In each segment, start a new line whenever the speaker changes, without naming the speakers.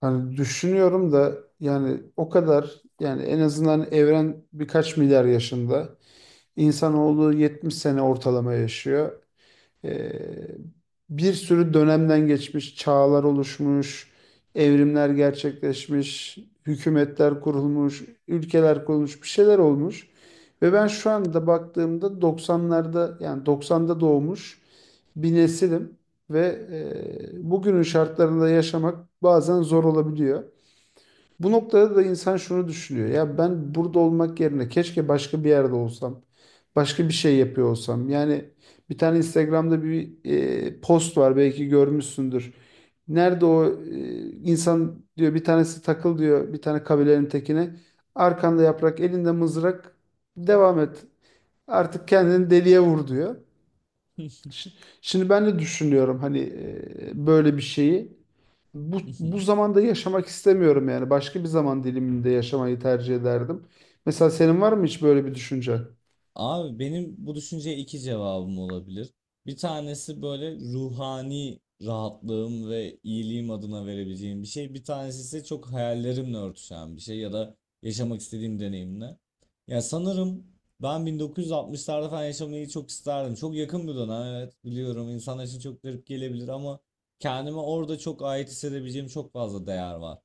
Hani düşünüyorum da yani o kadar yani en azından evren birkaç milyar yaşında. İnsanoğlu 70 sene ortalama yaşıyor. Ee, Bir sürü dönemden geçmiş, çağlar oluşmuş, evrimler gerçekleşmiş, hükümetler kurulmuş, ülkeler kurulmuş, bir şeyler olmuş. Ve ben şu anda baktığımda doksanlarda yani doksan'da doğmuş bir nesilim ve bugünün şartlarında yaşamak bazen zor olabiliyor. Bu noktada da insan şunu düşünüyor. Ya ben burada olmak yerine keşke başka bir yerde olsam. Başka bir şey yapıyor olsam. Yani bir tane Instagram'da bir post var belki görmüşsündür. Nerede o insan diyor bir tanesi takıl diyor bir tane kabilenin tekine. Arkanda yaprak elinde mızrak devam et. Artık kendini deliye vur diyor. Şi- Şimdi ben de düşünüyorum hani böyle bir şeyi. Bu zamanda yaşamak istemiyorum yani. Başka bir zaman diliminde yaşamayı tercih ederdim. Mesela senin var mı hiç böyle bir düşüncen?
Abi benim bu düşünceye iki cevabım olabilir. Bir tanesi böyle ruhani rahatlığım ve iyiliğim adına verebileceğim bir şey. Bir tanesi ise çok hayallerimle örtüşen bir şey ya da yaşamak istediğim deneyimle. Ya sanırım ben 1960'larda falan yaşamayı çok isterdim. Çok yakın bir dönem, evet biliyorum, insanlar için çok garip gelebilir ama kendime orada çok ait hissedebileceğim çok fazla değer var.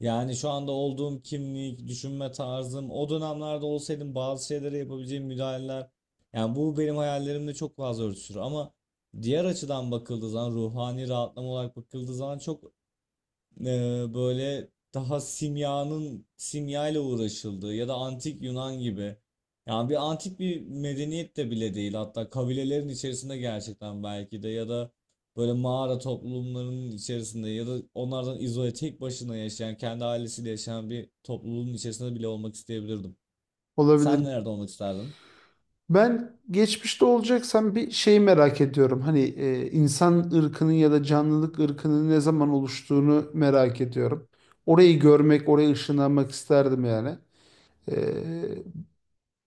Yani şu anda olduğum kimlik, düşünme tarzım, o dönemlerde olsaydım bazı şeylere yapabileceğim müdahaleler. Yani bu benim hayallerimle çok fazla örtüşür ama diğer açıdan bakıldığı zaman, ruhani rahatlama olarak bakıldığı zaman çok böyle daha simyanın simyayla uğraşıldığı ya da antik Yunan gibi. Yani bir antik bir medeniyet de bile değil, hatta kabilelerin içerisinde gerçekten, belki de, ya da böyle mağara toplumlarının içerisinde ya da onlardan izole tek başına yaşayan, kendi ailesiyle yaşayan bir topluluğun içerisinde bile olmak isteyebilirdim. Sen
Olabilir.
nerede olmak isterdin?
Ben geçmişte olacaksam bir şeyi merak ediyorum. Hani insan ırkının ya da canlılık ırkının ne zaman oluştuğunu merak ediyorum. Orayı görmek, oraya ışınlanmak isterdim yani. E,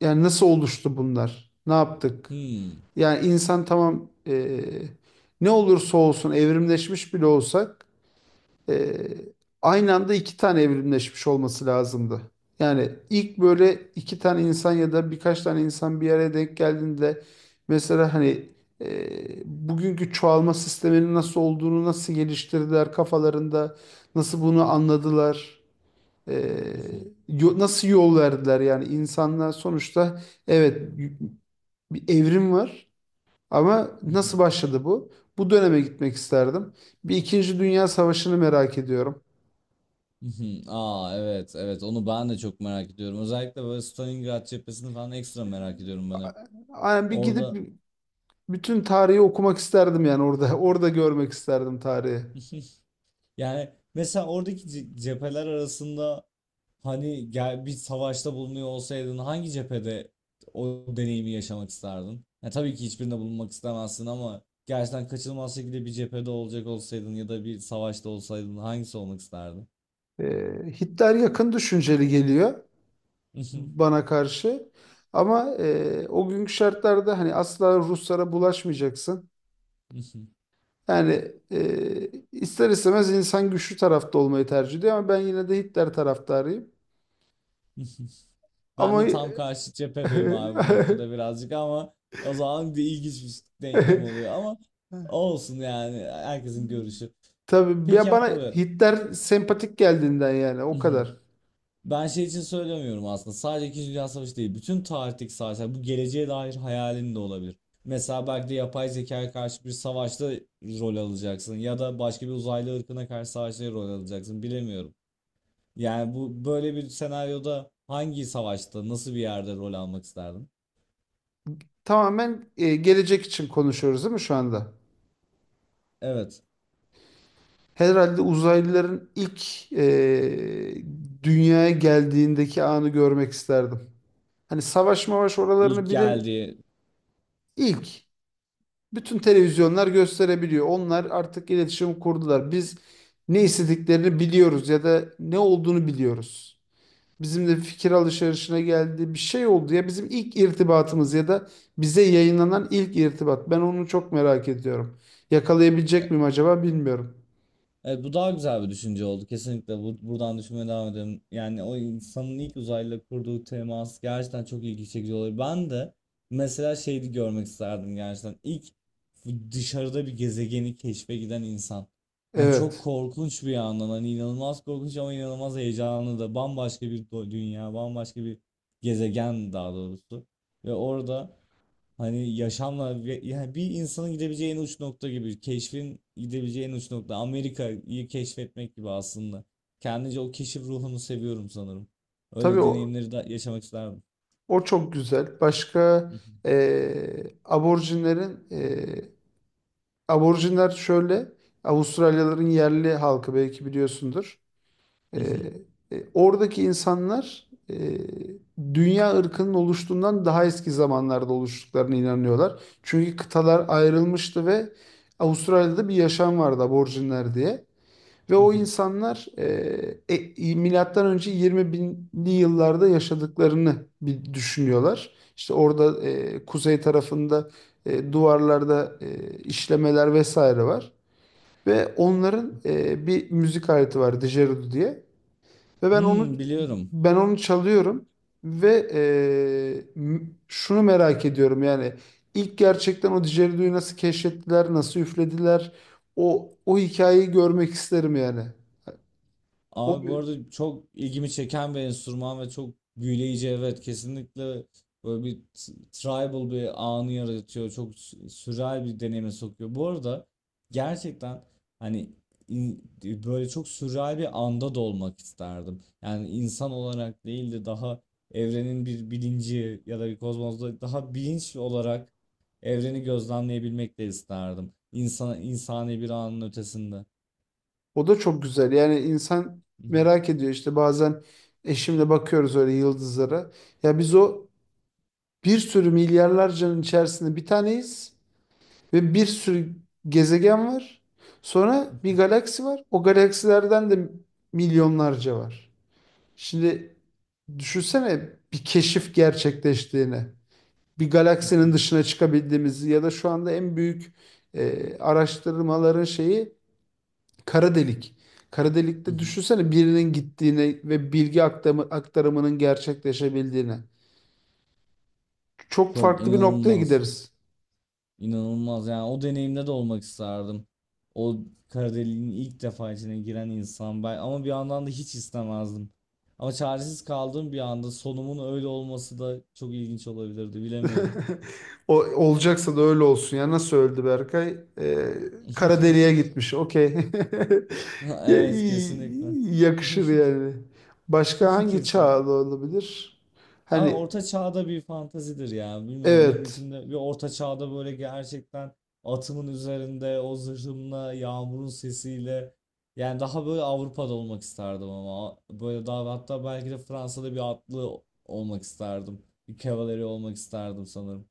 Yani nasıl oluştu bunlar? Ne yaptık?
Hmm.
Yani insan tamam ne olursa olsun evrimleşmiş bile olsak Ee, aynı anda iki tane evrimleşmiş olması lazımdı. Yani ilk böyle iki tane insan ya da birkaç tane insan bir araya denk geldiğinde mesela hani bugünkü çoğalma sisteminin nasıl olduğunu nasıl geliştirdiler kafalarında nasıl bunu anladılar e, nasıl yol verdiler yani insanlar sonuçta evet y- bir evrim var ama nasıl başladı bu? Bu döneme gitmek isterdim. Bir İkinci Dünya Savaşı'nı merak ediyorum.
Aa, evet, evet, onu ben de çok merak ediyorum. Özellikle böyle Stalingrad cephesini falan ekstra merak ediyorum ben hep.
Aynen bir
Orada.
gidip bütün tarihi okumak isterdim yani orada. Orada görmek isterdim tarihi.
Yani mesela oradaki cepheler arasında, hani gel bir savaşta bulunuyor olsaydın, hangi cephede o deneyimi yaşamak isterdin? Ya tabii ki hiçbirinde bulunmak istemezsin ama gerçekten kaçınılmaz şekilde bir cephede olacak olsaydın ya da bir savaşta olsaydın, hangisi olmak isterdin?
Hitler yakın düşünceli geliyor bana karşı. Ama o günkü şartlarda hani asla Ruslara bulaşmayacaksın. Yani ister istemez insan güçlü tarafta olmayı tercih ediyor ama ben yine de Hitler taraftarıyım.
Ben
Ama
de tam karşı cephedeyim abi bu noktada birazcık ama o zaman bir ilginç bir denklem oluyor ama olsun, yani herkesin görüşü.
tabii ya
Peki
bana
abi.
Hitler sempatik geldiğinden yani o kadar.
Ben şey için söylemiyorum aslında. Sadece İkinci Dünya Savaşı değil. Bütün tarihteki savaşlar. Bu geleceğe dair hayalin de olabilir. Mesela belki de yapay zekaya karşı bir savaşta rol alacaksın. Ya da başka bir uzaylı ırkına karşı savaşta rol alacaksın. Bilemiyorum. Yani bu böyle bir senaryoda hangi savaşta, nasıl bir yerde rol almak isterdin?
Tamamen gelecek için konuşuyoruz değil mi şu anda?
Evet.
Herhalde uzaylıların ilk dünyaya geldiğindeki anı görmek isterdim. Hani savaş mavaş
İlk
oralarını bile
geldiği.
ilk bütün televizyonlar gösterebiliyor. Onlar artık iletişim kurdular. Biz ne istediklerini biliyoruz ya da ne olduğunu biliyoruz. Bizimle fikir alışverişine geldi. Bir şey oldu ya bizim ilk irtibatımız ya da bize yayınlanan ilk irtibat. Ben onu çok merak ediyorum. Yakalayabilecek miyim acaba bilmiyorum.
Evet, bu daha güzel bir düşünce oldu. Kesinlikle bu, buradan düşünmeye devam edelim. Yani o insanın ilk uzayla kurduğu temas gerçekten çok ilgi çekici oluyor. Ben de mesela şeydi görmek isterdim gerçekten. İlk dışarıda bir gezegeni keşfe giden insan. Yani çok
Evet.
korkunç bir yandan, hani inanılmaz korkunç ama inanılmaz heyecanlı da, bambaşka bir dünya, bambaşka bir gezegen daha doğrusu. Ve orada, hani yaşamla yani bir insanın gidebileceği en uç nokta gibi, keşfin gidebileceği en uç nokta Amerika'yı keşfetmek gibi aslında. Kendince o keşif ruhunu seviyorum sanırım.
Tabii
Öyle
o,
deneyimleri de yaşamak isterdim.
o çok güzel. Başka aborjinlerin aborjinler şöyle Avustralyaların yerli halkı belki biliyorsundur. Ee, oradaki insanlar dünya ırkının oluştuğundan daha eski zamanlarda oluştuklarına inanıyorlar. Çünkü kıtalar ayrılmıştı ve Avustralya'da bir yaşam vardı aborjinler diye. Ve o insanlar milattan önce 20 binli yıllarda yaşadıklarını bir düşünüyorlar. İşte orada kuzey tarafında duvarlarda işlemeler vesaire var. Ve onların bir müzik aleti var, dijerudu diye. Ve ben onu
Hmm, biliyorum.
ben onu çalıyorum ve şunu merak ediyorum yani ilk gerçekten o Didgeridoo'yu nasıl keşfettiler, nasıl üflediler o hikayeyi görmek isterim yani. O
Abi bu arada çok ilgimi çeken bir enstrüman ve çok büyüleyici, evet kesinlikle böyle bir tribal bir anı yaratıyor, çok sürreal bir deneyime sokuyor. Bu arada gerçekten, hani böyle çok sürreal bir anda da olmak isterdim. Yani insan olarak değil de daha evrenin bir bilinci ya da bir kozmozda daha bilinç olarak evreni gözlemleyebilmek de isterdim. İnsan, insani bir anın ötesinde.
o da çok güzel. Yani insan merak ediyor işte bazen eşimle bakıyoruz öyle yıldızlara. Ya biz o bir sürü milyarlarcanın içerisinde bir taneyiz. Ve bir sürü gezegen var. Sonra bir galaksi var. O galaksilerden de milyonlarca var. Şimdi düşünsene bir keşif gerçekleştiğini. Bir galaksinin dışına çıkabildiğimizi ya da şu anda en büyük araştırmaların şeyi kara delik. Kara delikte düşünsene birinin gittiğini ve aktarımının gerçekleşebildiğini. Çok
Çok
farklı bir noktaya
inanılmaz.
gideriz.
İnanılmaz. Yani o deneyimde de olmak isterdim. O kara deliğin ilk defa içine giren insan ben, ama bir yandan da hiç istemezdim. Ama çaresiz kaldığım bir anda sonumun öyle olması da çok ilginç olabilirdi. Bilemiyorum.
O, olacaksa da öyle olsun ya. Nasıl öldü Berkay? Kara deliğe gitmiş. Okey.
Evet, kesinlikle.
Yakışır yani. Başka hangi
Kesin.
çağda olabilir?
Abi
Hani
orta çağda bir fantazidir ya. Bilmiyorum, benim
evet.
içimde bir orta çağda böyle gerçekten atımın üzerinde o zırhımla yağmurun sesiyle, yani daha böyle Avrupa'da olmak isterdim ama böyle daha, hatta belki de Fransa'da bir atlı olmak isterdim. Bir kavaleri olmak isterdim sanırım.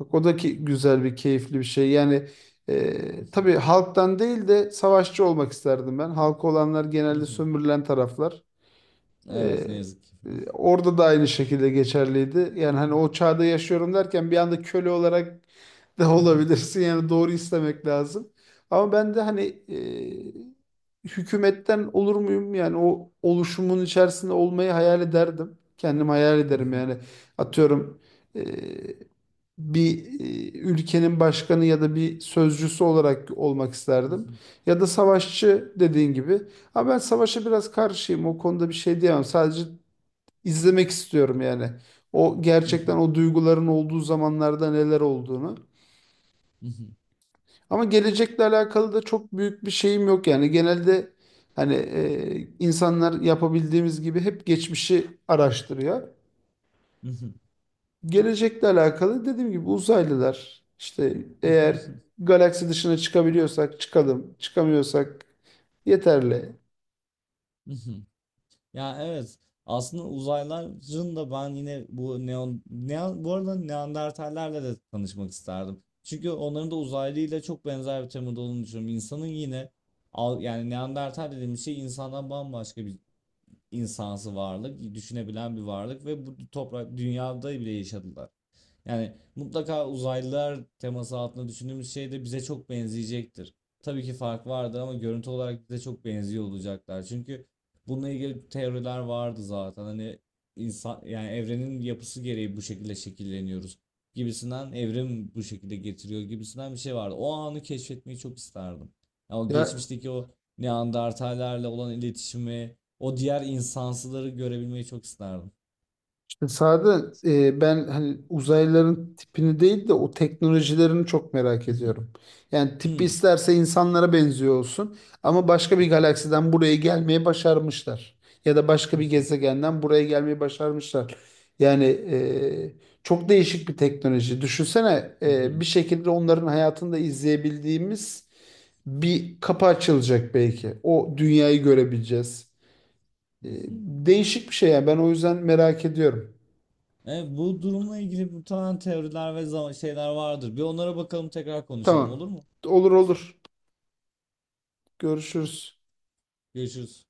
Bak o da ki güzel bir keyifli bir şey. Yani tabii halktan değil de savaşçı olmak isterdim ben. Halkı olanlar genelde sömürülen taraflar. Ee,
Evet, ne yazık ki.
orada da aynı şekilde geçerliydi. Yani hani o çağda yaşıyorum derken bir anda köle olarak da olabilirsin. Yani doğru istemek lazım. Ama ben de hani hükümetten olur muyum? Yani o oluşumun içerisinde olmayı hayal ederdim. Kendim hayal ederim yani. Atıyorum e, bir ülkenin başkanı ya da bir sözcüsü olarak olmak isterdim. Ya da savaşçı dediğin gibi. Ama ben savaşa biraz karşıyım. O konuda bir şey diyemem. Sadece izlemek istiyorum yani. O gerçekten o duyguların olduğu zamanlarda neler olduğunu. Ama gelecekle alakalı da çok büyük bir şeyim yok yani. Genelde hani insanlar yapabildiğimiz gibi hep geçmişi araştırıyor. Gelecekle alakalı dediğim gibi uzaylılar işte eğer galaksi dışına çıkabiliyorsak çıkalım, çıkamıyorsak yeterli.
Ya evet. Aslında uzaylıların da, ben yine bu neon, neon bu arada Neandertallerle de tanışmak isterdim. Çünkü onların da uzaylıyla çok benzer bir temada olduğunu düşünüyorum. İnsanın yine, yani Neandertal dediğimiz şey insandan bambaşka bir insansı varlık, düşünebilen bir varlık ve bu toprak dünyada bile yaşadılar. Yani mutlaka uzaylılar teması altında düşündüğümüz şey de bize çok benzeyecektir. Tabii ki fark vardır ama görüntü olarak bize çok benziyor olacaklar. Çünkü bununla ilgili teoriler vardı zaten. Hani insan, yani evrenin yapısı gereği bu şekilde şekilleniyoruz gibisinden, evrim bu şekilde getiriyor gibisinden bir şey vardı. O anı keşfetmeyi çok isterdim. Ya o
Ya
geçmişteki o Neandertallerle olan iletişimi, o diğer insansıları görebilmeyi çok isterdim.
sade ben hani uzaylıların tipini değil de o teknolojilerini çok merak ediyorum. Yani tipi isterse insanlara benziyor olsun ama başka bir galaksiden buraya gelmeyi başarmışlar. Ya da başka bir gezegenden buraya gelmeyi başarmışlar. Yani çok değişik bir teknoloji. Düşünsene bir şekilde onların hayatında izleyebildiğimiz bir kapı açılacak belki. O dünyayı görebileceğiz. E, değişik bir şey yani ben o yüzden merak ediyorum.
Evet, bu durumla ilgili muhtemelen teoriler ve şeyler vardır. Bir onlara bakalım, tekrar konuşalım, olur
Tamam.
mu?
Olur olur. Görüşürüz.
Görüşürüz.